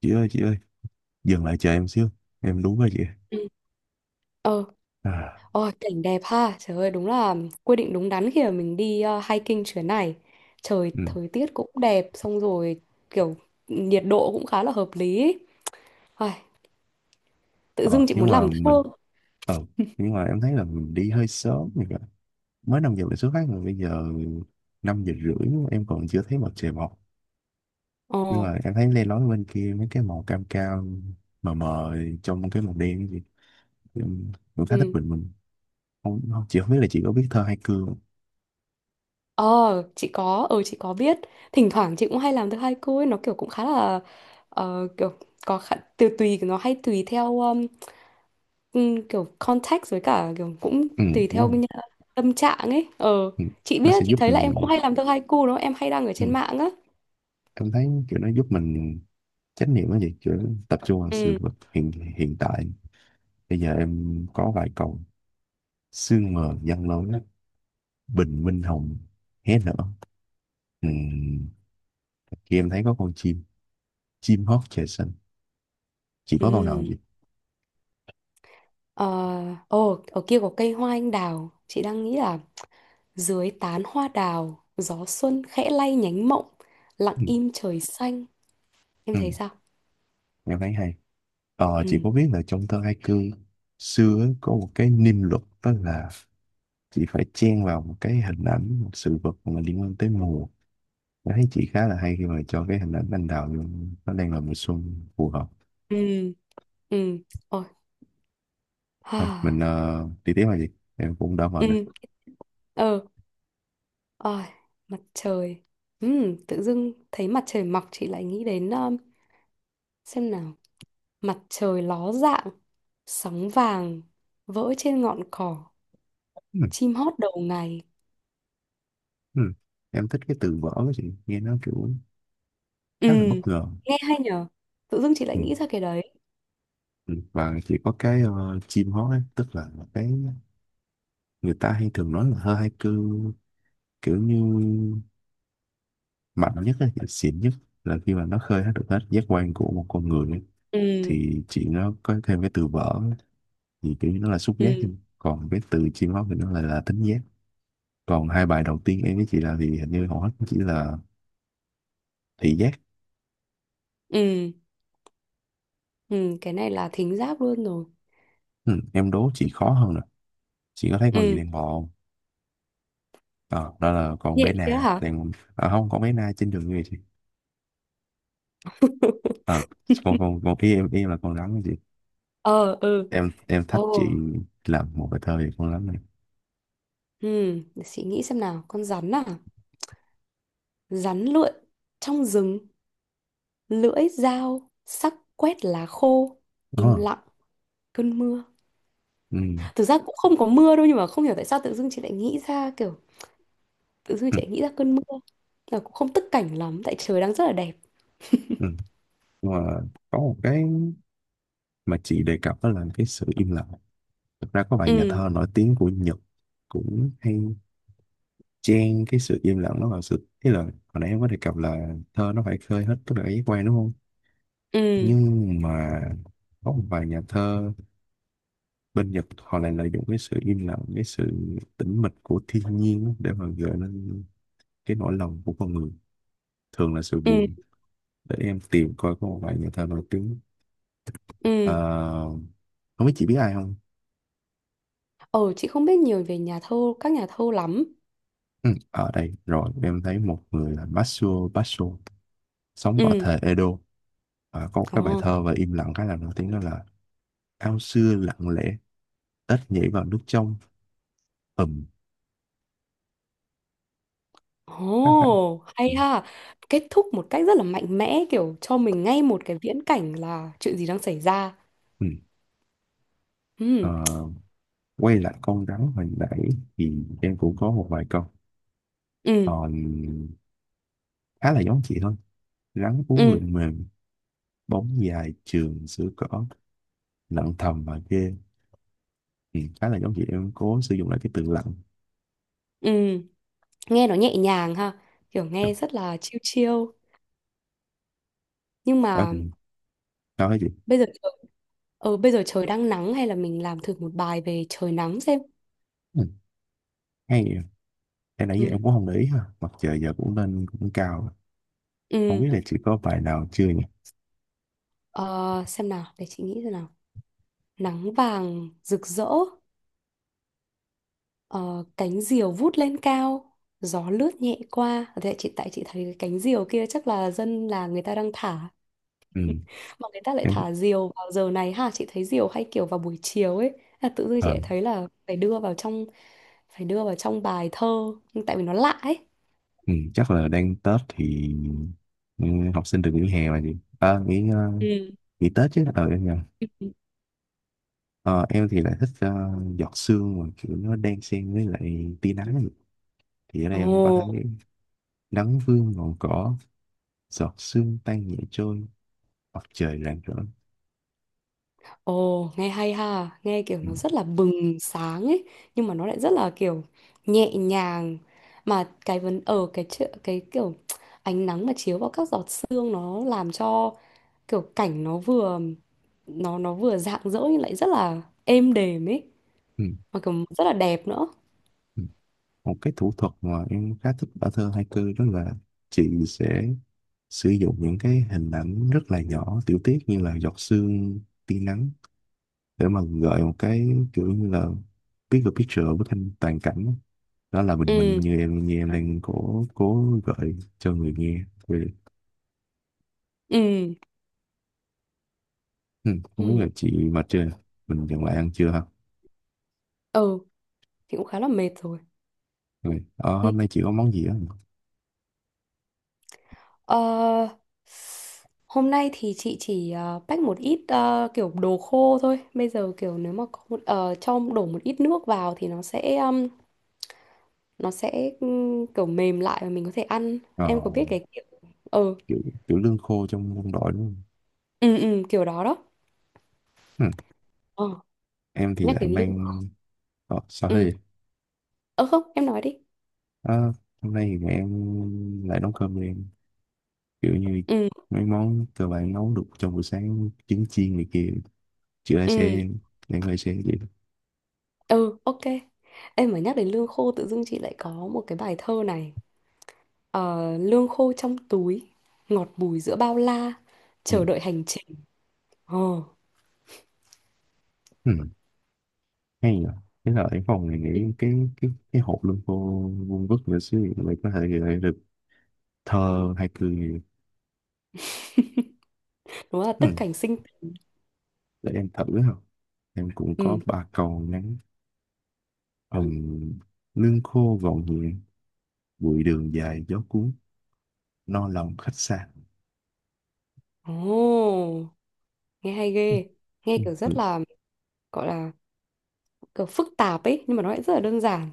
Chị ơi, chị ơi, dừng lại chờ em xíu. Em đú rồi chị. Ừ. Ờ, À. ôi, cảnh đẹp ha. Trời ơi, đúng là quyết định đúng đắn khi mà mình đi hiking chuyến này. Trời, Ừ. thời tiết cũng đẹp, xong rồi kiểu nhiệt độ cũng khá là hợp lý ý. Ai, tự dưng ờ chị nhưng muốn mà làm thơ. mình ờ nhưng mà em thấy là mình đi hơi sớm rồi kìa. Mới 5 giờ mình xuất phát mà bây giờ 5 giờ rưỡi em còn chưa thấy mặt trời mọc. Ờ, Nhưng mà em thấy lên lói bên kia mấy cái màu cam cam mờ mờ trong cái màu đen gì. Em cũng khá thích ừ. bình minh. Không, không, chị không biết là chị có biết thơ hai cương không? Ờ, chị có biết. Thỉnh thoảng chị cũng hay làm thơ haiku ấy, nó kiểu cũng khá là kiểu có khá, từ tùy nó hay tùy theo, ừ, kiểu context với cả kiểu cũng Ừ, tùy đúng theo không? Tâm trạng ấy. Ờ Ừ. chị Nó biết, sẽ chị giúp thấy là em cũng mình. hay làm thơ haiku đó, em hay đăng ở Ừ. trên mạng á. Em thấy kiểu nó giúp mình chánh niệm cái gì kiểu tập trung vào sự Ừ. vật hiện hiện tại. Bây giờ em có vài câu. Sương mờ giăng lối, bình minh hồng hé nở. Ừ. Kia em thấy có con chim, chim hót trời xanh. Chị có câu nào Ừ. vậy? Ờ. Ồ, ở kia có cây hoa anh đào, chị đang nghĩ là dưới tán hoa đào gió xuân khẽ lay nhánh mộng, lặng Ừ. im trời xanh. Em Ừ. thấy sao? Em thấy hay. Ờ, chị Ừ. có biết là trong thơ haiku xưa ấy, có một cái niêm luật đó là chị phải chen vào một cái hình ảnh, một sự vật mà liên quan tới mùa. Em thấy chị khá là hay khi mà cho cái hình ảnh anh đào vô, nó đang là mùa xuân phù hợp. Ừ. Ừ. Ôi, Thôi, mình ha. Đi tiếp là gì? Em cũng đã mệt rồi. Ừ. Ờ. Ôi, mặt trời. Ừ, tự dưng thấy mặt trời mọc chị lại nghĩ đến, xem nào. Mặt trời ló dạng, sóng vàng vỡ trên ngọn cỏ, Ừ. chim hót đầu ngày. Ừ. Em thích cái từ vỡ của chị, nghe nó kiểu Ừ, khá là bất ngờ. nghe hay nhở? Tự dưng chị lại Ừ. nghĩ ra cái đấy. Ừ. Và chỉ có cái chim hót ấy, tức là cái người ta hay thường nói là hơi haiku kiểu như mạnh nhất ấy, xịn nhất là khi mà nó khơi hết được hết giác quan của một con người ấy. Ừ, Thì chị nó có thêm cái từ vỡ ấy, thì kiểu như nó là xúc giác thôi. ừ, Còn cái từ chim hót thì nó lại là thính giác. Còn hai bài đầu tiên em với chị làm thì hình như hầu hết cũng chỉ là thị giác. ừ, ừ, cái này là thính giác luôn rồi. Ừ. Em đố chị khó hơn nè. Chị có thấy con gì Ừ, đang bò không? Ờ, đó là con bé nhện kia Na hả? đang. À, không, con bé Na trên đường về chị. ờ, con ý em là con rắn đó chị. Ờ, ừ, Em thách ồ, chị làm một bài thơ về con rắn này. ừ, để chị nghĩ xem nào. Con rắn à? Rắn lượn trong rừng, lưỡi dao, sắc quét lá khô, im Đó. lặng cơn mưa. Ừ, Thực ra cũng không có mưa đâu, nhưng mà không hiểu tại sao tự dưng chị lại nghĩ ra kiểu tự dưng ừ, chị lại nghĩ ra cơn mưa, là cũng không tức cảnh lắm tại trời đang rất là đẹp. ừ. Nhưng mà có một cái mà chị đề cập đó là cái sự im lặng. Thực ra có vài nhà Ừ. thơ nổi tiếng của Nhật cũng hay chen cái sự im lặng đó vào sự ý là hồi nãy em có đề cập là thơ nó phải khơi hết tất cả cái giác quan đúng không? Ừ. Nhưng mà có một vài nhà thơ bên Nhật họ lại lợi dụng cái sự im lặng, cái sự tĩnh mịch của thiên nhiên để mà gợi lên cái nỗi lòng của con người, thường là sự Ừ. buồn. Để em tìm coi có một bài nhà thơ nổi tiếng. Ừ. À, không biết chị biết ai không? ờ chị không biết nhiều về nhà thơ các nhà thơ lắm. Ừ, ở đây rồi, em thấy một người là Matsuo Basho sống ở Ừ. thời Edo. À, có một cái bài Ồ. thơ và im lặng khá là nổi tiếng đó là: ao xưa lặng lẽ, ếch nhảy vào nước trong, ầm. Khá khá. Ồ, hay ha. Kết thúc một cách rất là mạnh mẽ, kiểu cho mình ngay một cái viễn cảnh là chuyện gì đang xảy ra. Ừ. Ờ, Ừ. quay lại con rắn hồi nãy thì em cũng có một vài câu Ừ. còn khá là giống chị thôi. Rắn uống Ừ. lượn mềm, bóng dài trường sữa cỏ, lặng thầm và ghê. Ừ, khá là giống chị, em cố sử dụng lại cái từ lặng. Ừ, nghe nó nhẹ nhàng ha, kiểu Đó. nghe rất là chill chill. Nhưng đó mà thì- Đó chị. bây giờ trời, bây giờ trời đang nắng, hay là mình làm thử một bài về trời nắng xem. Ừ, hay vậy. Em nãy giờ Ừ. em cũng không để ý ha, mặt trời giờ cũng lên cũng cao rồi. Không Ừ. biết là chị có bài nào chưa nhỉ? Ờ, xem nào, để chị nghĩ xem nào. Nắng vàng rực rỡ, ờ, cánh diều vút lên cao, gió lướt nhẹ qua. Ờ, thế chị, tại chị thấy cái cánh diều kia chắc là dân là người ta đang thả. Ừ. Mà người ta lại Em. thả diều vào giờ này ha, chị thấy diều hay kiểu vào buổi chiều ấy, là tự dưng chị Ờ. lại thấy là phải đưa vào trong bài thơ tại vì nó lạ ấy. Ừ, chắc là đang Tết thì. Ừ, học sinh được nghỉ hè mà chị. À, nghỉ ờ, Ừ. nghỉ Tết chứ. Ờ, em nhầm. Ờ, em thì lại thích giọt sương mà kiểu nó đan xen với lại tia nắng, thì ở Ừ. đây em có thấy: Ồ. nắng vương ngọn cỏ, giọt sương tan nhẹ trôi, mặt trời rạng rỡ. Ồ, nghe hay ha, nghe kiểu Ừ. nó rất là bừng sáng ấy, nhưng mà nó lại rất là kiểu nhẹ nhàng. Mà cái vấn ở cái chợ, cái kiểu ánh nắng mà chiếu vào các giọt sương nó làm cho kiểu cảnh nó vừa rạng rỡ nhưng lại rất là êm đềm ấy, Ừ. mà kiểu rất là đẹp nữa. Ừ. Một cái thủ thuật mà em khá thích ở thơ haiku đó là chị sẽ sử dụng những cái hình ảnh rất là nhỏ, tiểu tiết như là giọt sương, tia nắng để mà gợi một cái kiểu như là bigger picture, bức tranh toàn cảnh, đó là bình minh. Ừ. Như em, đang cố cố gợi cho người nghe về. Ừ. Ừ, không biết là Ừ. chị mà chưa, mình dừng lại ăn chưa ha? Ừ, thì cũng khá là mệt rồi. Rồi. Ờ, Ừ. Hôm nay chị có món gì á? Ờ, hôm nay thì chị chỉ pack một ít, kiểu đồ khô thôi. Bây giờ kiểu nếu mà có một, cho đổ một ít nước vào thì nó sẽ kiểu mềm lại và mình có thể ăn. Ờ, Em có biết cái kiểu. Ừ. kiểu, kiểu lương khô trong quân đội đúng không? Ừ. Ừ, kiểu đó đó. Ừm. Ờ, Em thì nhắc lại đến lương. mang... Ờ, sao Ừ. thế? Ờ không, em nói đi. Ờ, hôm nay thì em lại nấu cơm cho em. Kiểu như Ừ. mấy món cơ bản nấu được trong buổi sáng, trứng chiên này kia. Chị lại Ừ. sẽ... Em lại sẽ vậy. Ừ, ok. Em mà nhắc đến lương khô tự dưng chị lại có một cái bài thơ này. Ờ, lương khô trong túi, ngọt bùi giữa bao la, Ừ. chờ đợi hành trình. Ờ. Ừ. Hay nhờ. Thế là em phòng này Ừ. nghĩ cái hộp lương khô vuông vức nữa xíu thì mình có thể gọi được thơ hay cười. Nó là tức Ừm. cảnh sinh. Để em thử không? Em cũng có Ừ. ba cầu ngắn. Ừm, lương khô gọn nhẹ, bụi đường dài gió cuốn, no lòng khách xa. Ồ, nghe hay ghê. Nghe kiểu rất Ừ. là, gọi là kiểu phức tạp ấy nhưng mà nó lại rất là đơn giản.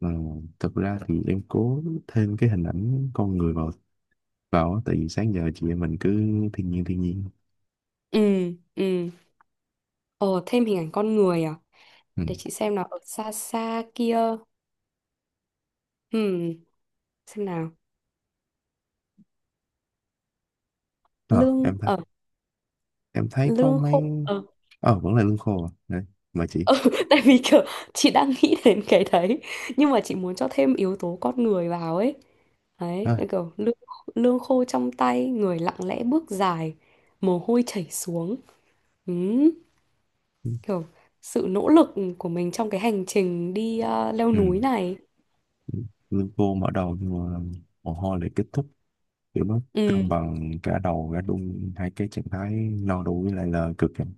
Ừ, thật ra thì em cố thêm cái hình ảnh con người vào vào á, tại vì sáng giờ chị em mình cứ thiên nhiên thiên nhiên. Ừ. Ừ. Ờ, thêm hình ảnh con người à? Để Ừ. chị xem nào, ở xa xa kia. Ừ, xem nào. Ờ, Lương em thấy ở em thấy có lương mấy khô. Ờ, vẫn là lương khô à. Đấy, mà chị. tại vì kiểu chị đang nghĩ đến cái đấy nhưng mà chị muốn cho thêm yếu tố con người vào ấy. Đấy, À, cái kiểu lương lương khô trong tay, người lặng lẽ bước dài, mồ hôi chảy xuống. Ừ. ừ. Kiểu sự nỗ lực của mình trong cái hành trình đi leo Ừ, núi này. lương khô mở đầu nhưng mà mồ hôi lại kết thúc, kiểu nó Ừ. cân bằng cả đầu cả đun hai cái trạng thái no đủ với lại là cực, em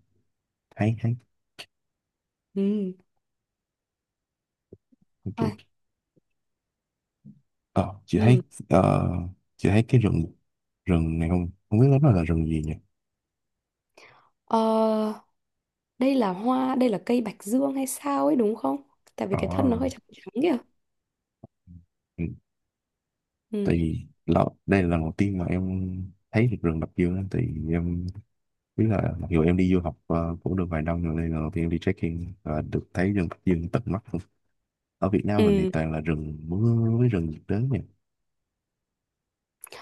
thấy thấy Ừ. Ai. ok. Ờ, Ừ. Ờ, chị thấy cái rừng rừng này không không biết lắm là rừng gì nhỉ? Ờ, đây là cây bạch dương hay sao ấy đúng không, tại vì Ờ. cái thân nó hơi trắng trắng kìa. Ừ, tại Ừ. vì là, đây là lần đầu tiên mà em thấy được rừng Bạch Dương á, thì em biết là mặc dù em đi du học cũng được vài năm rồi, đây là lần đầu tiên em đi trekking và được thấy rừng Bạch Dương tận mắt luôn. Ở Việt Nam mình thì Ừ. toàn là rừng mưa với rừng nhiệt đới nhỉ?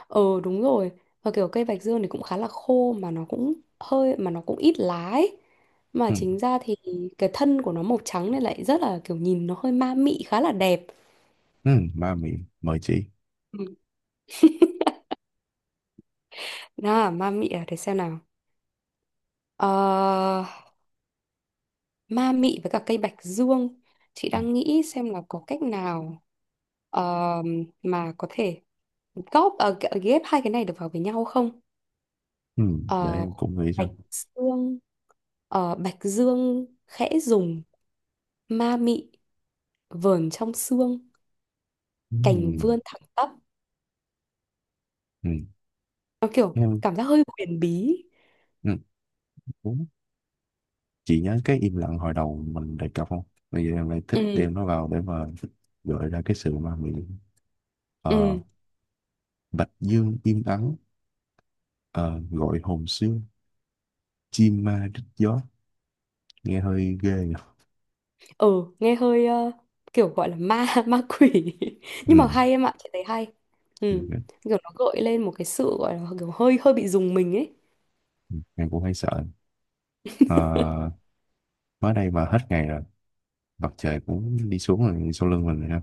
Ờ, đúng rồi, và kiểu cây bạch dương thì cũng khá là khô, mà nó cũng ít lá ấy, mà Ừ, chính ra thì cái thân của nó màu trắng nên lại rất là kiểu nhìn nó hơi ma mị, khá là đẹp. ừ, ba miệng mời chị. Ừ. Nào, ma mị à, để xem nào. Ờ, ma mị với cả cây bạch dương, chị Ừ, đang nghĩ xem là có cách nào, mà có thể ghép hai cái này được vào với nhau không. ừ, để Ờ, em cũng nghĩ xem. bạch dương bạch dương khẽ dùng, ma mị vờn trong xương, Ừ, cành vươn thẳng tắp. ừ, Nó kiểu em. cảm giác hơi huyền bí. Ừ. Chị nhớ cái im lặng hồi đầu mình đề cập không? Bây giờ em lại thích Ừ. đem nó vào để mà gợi ra cái sự ma mị. Ờ, Ừ. bạch dương im ắng, ờ, gọi hồn xương, chim ma rít gió. Nghe hơi ghê nhỉ? Ừ, nghe hơi, kiểu gọi là ma ma quỷ. Nhưng mà Ừ, hay em ạ, chị thấy hay. Ừ. Kiểu nó gợi lên một cái sự, gọi là kiểu hơi hơi bị dùng mình ấy. em cũng hay sợ. Ờ, mới đây mà hết ngày rồi, mặt trời cũng đi xuống rồi sau lưng mình rồi ha.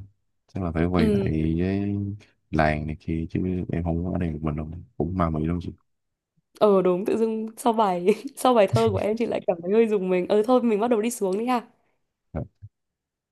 Chắc là phải quay lại Ừ. với làng này kia chứ. Em không có ở đây một mình đâu, cũng ma mị lắm chị. Ờ, đúng, tự dưng sau bài sau bài thơ của em chị lại cảm thấy hơi dùng mình. Ờ Thôi, mình bắt đầu đi xuống đi ha. Ờ.